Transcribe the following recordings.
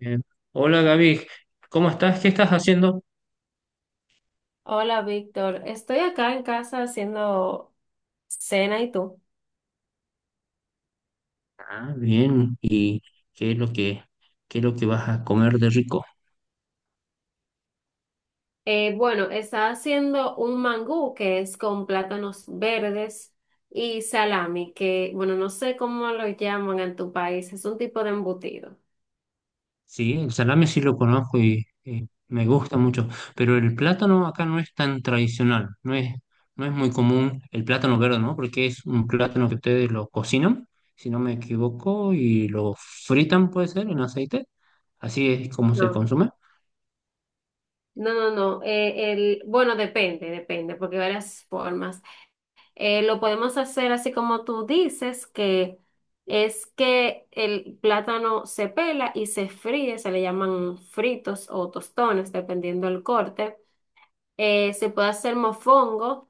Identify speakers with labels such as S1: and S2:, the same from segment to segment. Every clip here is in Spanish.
S1: Eh, Hola Gaby, ¿cómo estás? ¿Qué estás haciendo?
S2: Hola, Víctor. Estoy acá en casa haciendo cena y tú.
S1: Ah, bien. ¿Y qué es lo que, qué es lo que vas a comer de rico?
S2: Bueno, está haciendo un mangú que es con plátanos verdes y salami, que bueno, no sé cómo lo llaman en tu país, es un tipo de embutido.
S1: Sí, el salame sí lo conozco y me gusta mucho, pero el plátano acá no es tan tradicional, no es muy común el plátano verde, ¿no? Porque es un plátano que ustedes lo cocinan, si no me equivoco, y lo fritan, puede ser, en aceite. Así es como se
S2: No.
S1: consume.
S2: No, no, no. Bueno, depende, porque hay varias formas. Lo podemos hacer así como tú dices, que es que el plátano se pela y se fríe, se le llaman fritos o tostones, dependiendo del corte. Se puede hacer mofongo,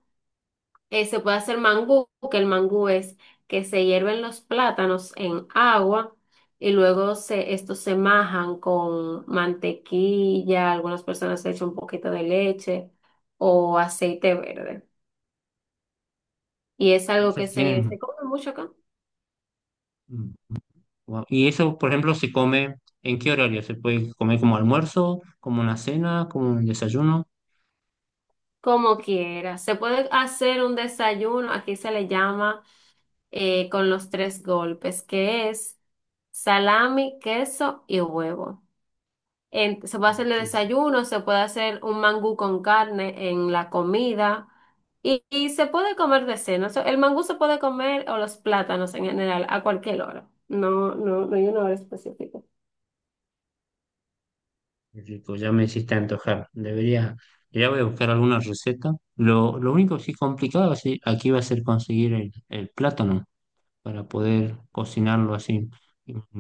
S2: se puede hacer mangú, que el mangú es que se hierven los plátanos en agua y estos se majan con mantequilla, algunas personas le echan un poquito de leche o aceite verde. Y es
S1: No
S2: algo
S1: sé
S2: que
S1: si tienen.
S2: se come mucho acá.
S1: Guau. Y eso, por ejemplo, se come, ¿en qué horario? ¿Se puede comer como almuerzo, como una cena, como un desayuno?
S2: Como quieras. Se puede hacer un desayuno, aquí se le llama con los tres golpes, que es salami, queso y huevo. Se puede hacer de
S1: Uy.
S2: desayuno, se puede hacer un mangú con carne en la comida y, se puede comer de cena. O sea, el mangú se puede comer o los plátanos en general a cualquier hora. No, no, no hay una hora específica.
S1: Qué rico, ya me hiciste antojar. Debería, ya voy a buscar alguna receta. Lo único que sí complicado sí, aquí va a ser conseguir el plátano para poder cocinarlo así.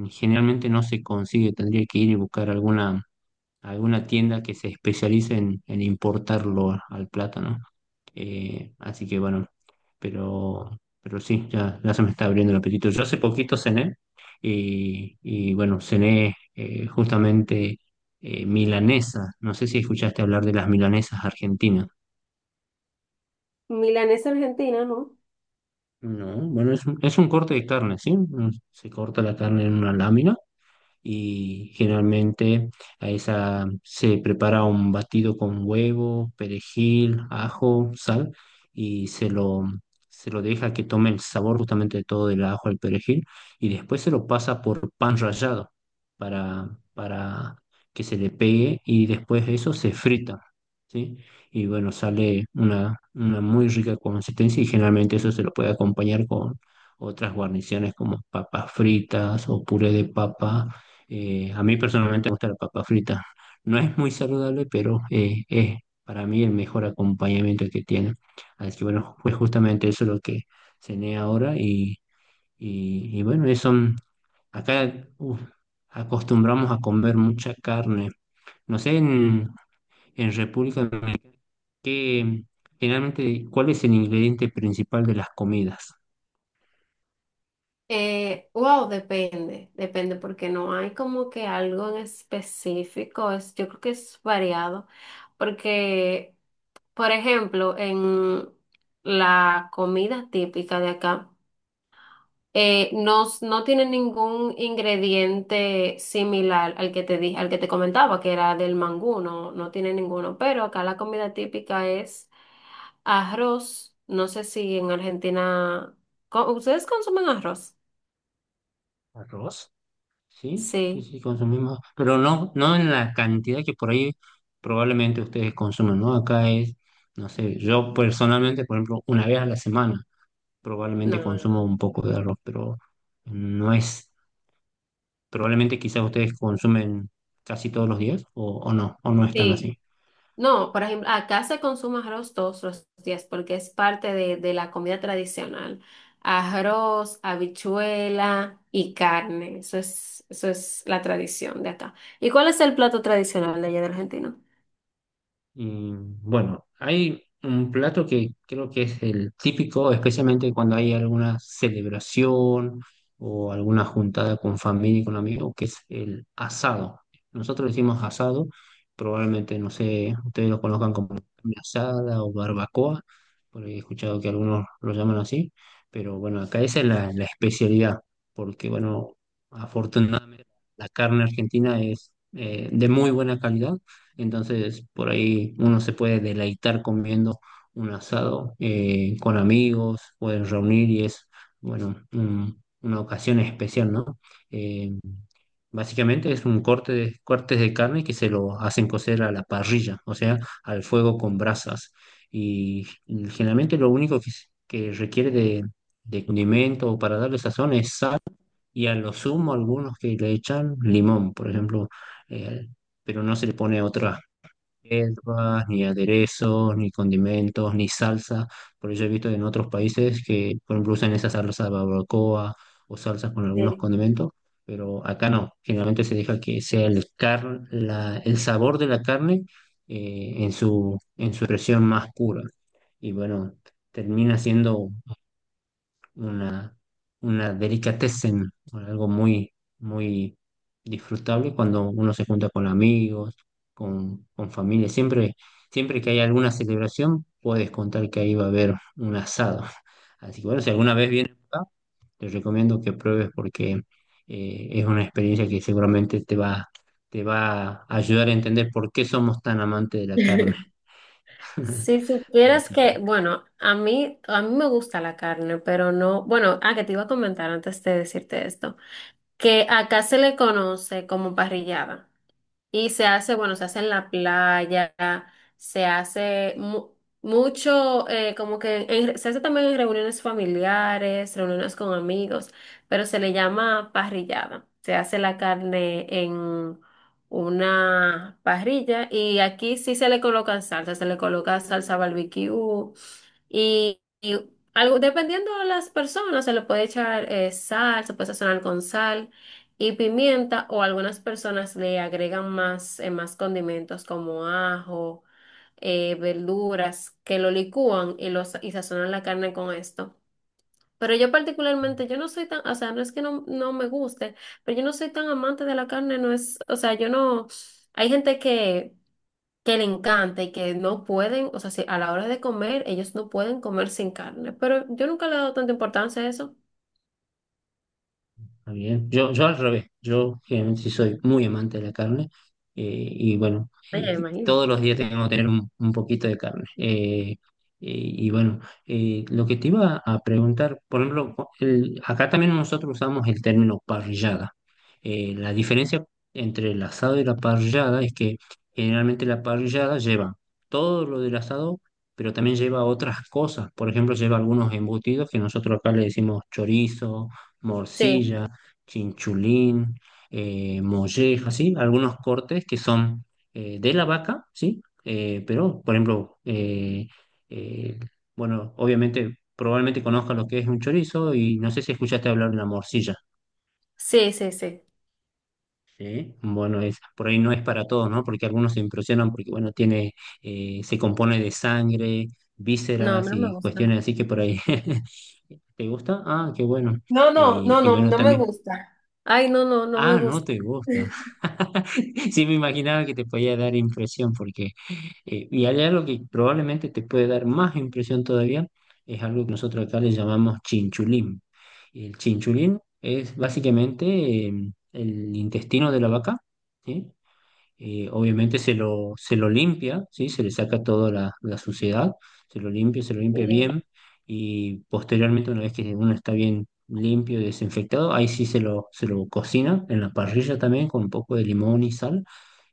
S1: Generalmente no se consigue, tendría que ir y buscar alguna alguna tienda que se especialice en importarlo a- al plátano. Así que bueno, pero, pero sí, ya se me está abriendo el apetito. Yo hace poquito cené y bueno, cené justamente milanesa. No sé si escuchaste hablar de las milanesas argentinas.
S2: Milanesa argentina, ¿no?
S1: No, bueno, es un corte de carne, ¿sí? Se corta la carne en una lámina y generalmente a esa se prepara un batido con huevo, perejil, ajo, sal y se lo deja que tome el sabor justamente de todo del ajo al perejil y después se lo pasa por pan rallado para, para que se le pegue y después eso se frita, ¿sí? Y bueno, sale una muy rica consistencia y generalmente eso se lo puede acompañar con otras guarniciones como papas fritas o puré de papa, a mí personalmente me gusta la papa frita. No es muy saludable, pero es para mí el mejor acompañamiento que tiene. Así que bueno, pues justamente eso es lo que cené ahora y bueno, eso, acá, uf, acostumbramos a comer mucha carne. No sé, en República Dominicana, ¿qué, generalmente, cuál es el ingrediente principal de las comidas?
S2: Wow, depende porque no hay como que algo en específico, es, yo creo que es variado, porque, por ejemplo, en la comida típica de acá, no, no tiene ningún ingrediente similar al que te dije, al que te comentaba, que era del mangú, no, no tiene ninguno, pero acá la comida típica es arroz, no sé si en Argentina, ¿ustedes consumen arroz?
S1: ¿Arroz? Sí, sí,
S2: Sí,
S1: sí, consumimos, pero no en la cantidad que por ahí probablemente ustedes consumen, ¿no? Acá es, no sé, yo personalmente, por ejemplo, una vez a la semana probablemente consumo
S2: no.
S1: un poco de arroz, pero no es, probablemente quizás ustedes consumen casi todos los días o no están
S2: Sí,
S1: así.
S2: no, por ejemplo, acá se consume arroz todos los días porque es parte de la comida tradicional. Arroz, habichuela y carne, eso es la tradición de acá. ¿Y cuál es el plato tradicional de allá de Argentina?
S1: Y bueno, hay un plato que creo que es el típico, especialmente cuando hay alguna celebración o alguna juntada con familia y con amigos, que es el asado. Nosotros le decimos asado, probablemente, no sé, ustedes lo conozcan como carne asada o barbacoa, porque he escuchado que algunos lo llaman así, pero bueno, acá esa es la especialidad, porque bueno, afortunadamente la carne argentina es de muy buena calidad, entonces, por ahí uno se puede deleitar comiendo un asado con amigos, pueden reunir y es, bueno, una ocasión especial, ¿no? Eh, Básicamente es un corte de, cortes de carne que se lo hacen cocer a la parrilla, o sea, al fuego con brasas. Y generalmente lo único que requiere de condimento o para darle sazón es sal y a lo sumo algunos que le echan limón, por ejemplo, eh, pero no se le pone otras hierbas, ni aderezos, ni condimentos, ni salsa. Por eso he visto en otros países que, por ejemplo, usan esa salsa de barbacoa o salsas con algunos
S2: Sí.
S1: condimentos, pero acá no. Generalmente se deja que sea el sabor de la carne, en su expresión más pura. Y bueno, termina siendo una, una delicatessen, algo muy, muy disfrutable cuando uno se junta con amigos, con familia. Siempre que hay alguna celebración, puedes contar que ahí va a haber un asado. Así que bueno, si alguna vez vienes acá, te recomiendo que pruebes porque es una experiencia que seguramente te va a ayudar a entender por qué somos tan amantes de la carne.
S2: Si supieras
S1: Así que.
S2: que, bueno, a mí me gusta la carne, pero no, bueno, ah, que te iba a comentar antes de decirte esto, que acá se le conoce como parrillada. Y se hace, bueno, se hace en la playa, se hace mucho, como que se hace también en reuniones familiares, reuniones con amigos, pero se le llama parrillada. Se hace la carne en una parrilla y aquí sí se le colocan salsa, se le coloca salsa barbecue, y, algo, dependiendo de las personas, se le puede echar sal, se puede sazonar con sal y pimienta, o algunas personas le agregan más, más condimentos como ajo, verduras, que lo licúan y, y sazonan la carne con esto. Pero yo particularmente, yo no soy tan, o sea, no es que no, no me guste, pero yo no soy tan amante de la carne, no es, o sea, yo no, hay gente que le encanta y que no pueden, o sea, si a la hora de comer, ellos no pueden comer sin carne. Pero yo nunca le he dado tanta importancia a eso.
S1: Está bien. Yo al revés, yo generalmente sí soy muy amante de la carne, y bueno,
S2: Ay, me imagino.
S1: todos los días tengo que tener un poquito de carne. Y bueno, lo que te iba a preguntar, por ejemplo, acá también nosotros usamos el término parrillada. La diferencia entre el asado y la parrillada es que generalmente la parrillada lleva todo lo del asado, pero también lleva otras cosas. Por ejemplo, lleva algunos embutidos que nosotros acá le decimos chorizo,
S2: Sí,
S1: morcilla, chinchulín, molleja, ¿sí? Algunos cortes que son de la vaca, ¿sí? Eh, bueno, obviamente, probablemente conozcas lo que es un chorizo y no sé si escuchaste hablar de la morcilla.
S2: sí, sí, sí.
S1: ¿Sí? Bueno, es, por ahí no es para todos, ¿no? Porque algunos se impresionan porque, bueno, tiene, se compone de sangre,
S2: No, a mí
S1: vísceras
S2: no me
S1: y
S2: gusta.
S1: cuestiones así que por ahí. ¿Te gusta? Ah, qué bueno.
S2: No, no, no,
S1: Y
S2: no,
S1: bueno,
S2: no me
S1: también.
S2: gusta. Ay, no, no, no me
S1: Ah, no
S2: gusta.
S1: te gusta. Sí, me imaginaba que te podía dar impresión, porque, y allá lo que probablemente te puede dar más impresión todavía es algo que nosotros acá le llamamos chinchulín. El chinchulín es básicamente el intestino de la vaca, ¿sí? Obviamente se lo limpia, ¿sí? Se le saca toda la suciedad, se lo limpia
S2: Eh,
S1: bien y posteriormente una vez que uno está bien limpio y desinfectado, ahí sí se lo cocina en la parrilla también con un poco de limón y sal.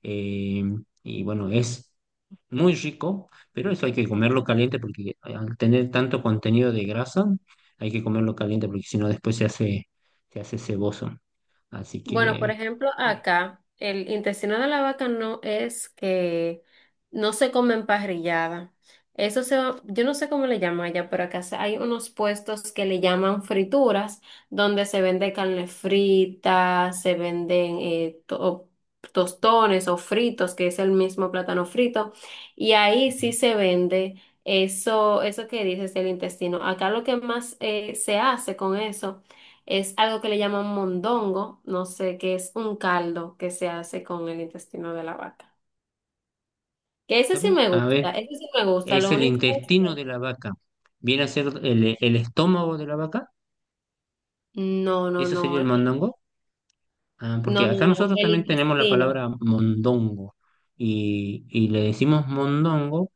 S1: eh, y bueno, es muy rico, pero eso hay que comerlo caliente porque al tener tanto contenido de grasa, hay que comerlo caliente porque si no se hace ceboso. Así
S2: Bueno, por
S1: que...
S2: ejemplo,
S1: eh,
S2: acá el intestino de la vaca no es que no se come emparrillada. Yo no sé cómo le llaman allá, pero hay unos puestos que le llaman frituras, donde se vende carne frita, se venden tostones o fritos, que es el mismo plátano frito, y ahí sí se vende eso, eso que dices del intestino. Acá lo que más se hace con eso. Es algo que le llaman mondongo, no sé, que es un caldo que se hace con el intestino de la vaca. Que ese sí
S1: ¿Sabe?
S2: me
S1: A
S2: gusta,
S1: ver,
S2: ese sí me gusta,
S1: es
S2: lo
S1: el
S2: único es
S1: intestino
S2: que...
S1: de la vaca. Viene a ser el estómago de la vaca.
S2: No, no,
S1: Eso sería
S2: no,
S1: el mondongo. Ah,
S2: no,
S1: porque
S2: no,
S1: acá
S2: no,
S1: nosotros
S2: el
S1: también tenemos la
S2: intestino.
S1: palabra mondongo. Y le decimos mondongo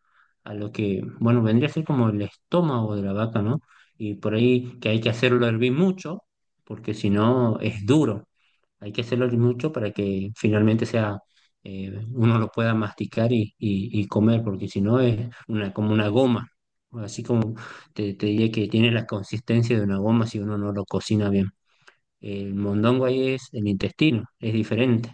S1: a lo que, bueno, vendría a ser como el estómago de la vaca, ¿no? Y por ahí que hay que hacerlo hervir mucho, porque si no es duro. Hay que hacerlo mucho para que finalmente sea, uno lo pueda masticar y comer, porque si no es una, como una goma. Así como te diría que tiene la consistencia de una goma si uno no lo cocina bien. El mondongo ahí es el intestino, es diferente.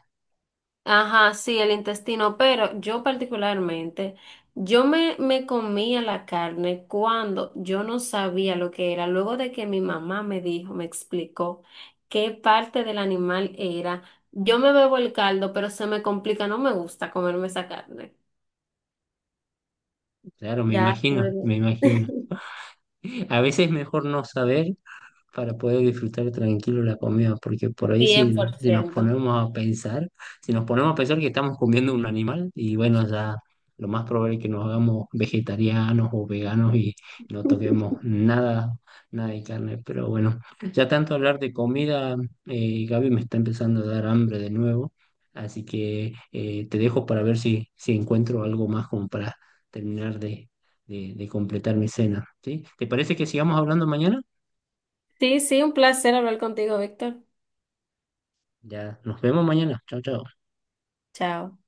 S2: Ajá, sí, el intestino, pero yo particularmente, yo me comía la carne cuando yo no sabía lo que era, luego de que mi mamá me dijo, me explicó qué parte del animal era, yo me bebo el caldo, pero se me complica, no me gusta comerme esa carne.
S1: Claro, me
S2: Ya,
S1: imagino, me
S2: luego.
S1: imagino. A veces es mejor no saber para poder disfrutar tranquilo la comida, porque por ahí
S2: cien por
S1: si nos
S2: ciento.
S1: ponemos a pensar, si nos ponemos a pensar que estamos comiendo un animal, y bueno, ya lo más probable es que nos hagamos vegetarianos o veganos y no toquemos nada, nada de carne. Pero bueno, ya tanto hablar de comida, Gaby me está empezando a dar hambre de nuevo, así que te dejo para ver si, si encuentro algo más como para terminar de, de completar mi cena, ¿sí? ¿Te parece que sigamos hablando mañana?
S2: Sí, sí, un placer hablar contigo, Víctor.
S1: Ya, nos vemos mañana. Chao, chao.
S2: Chao.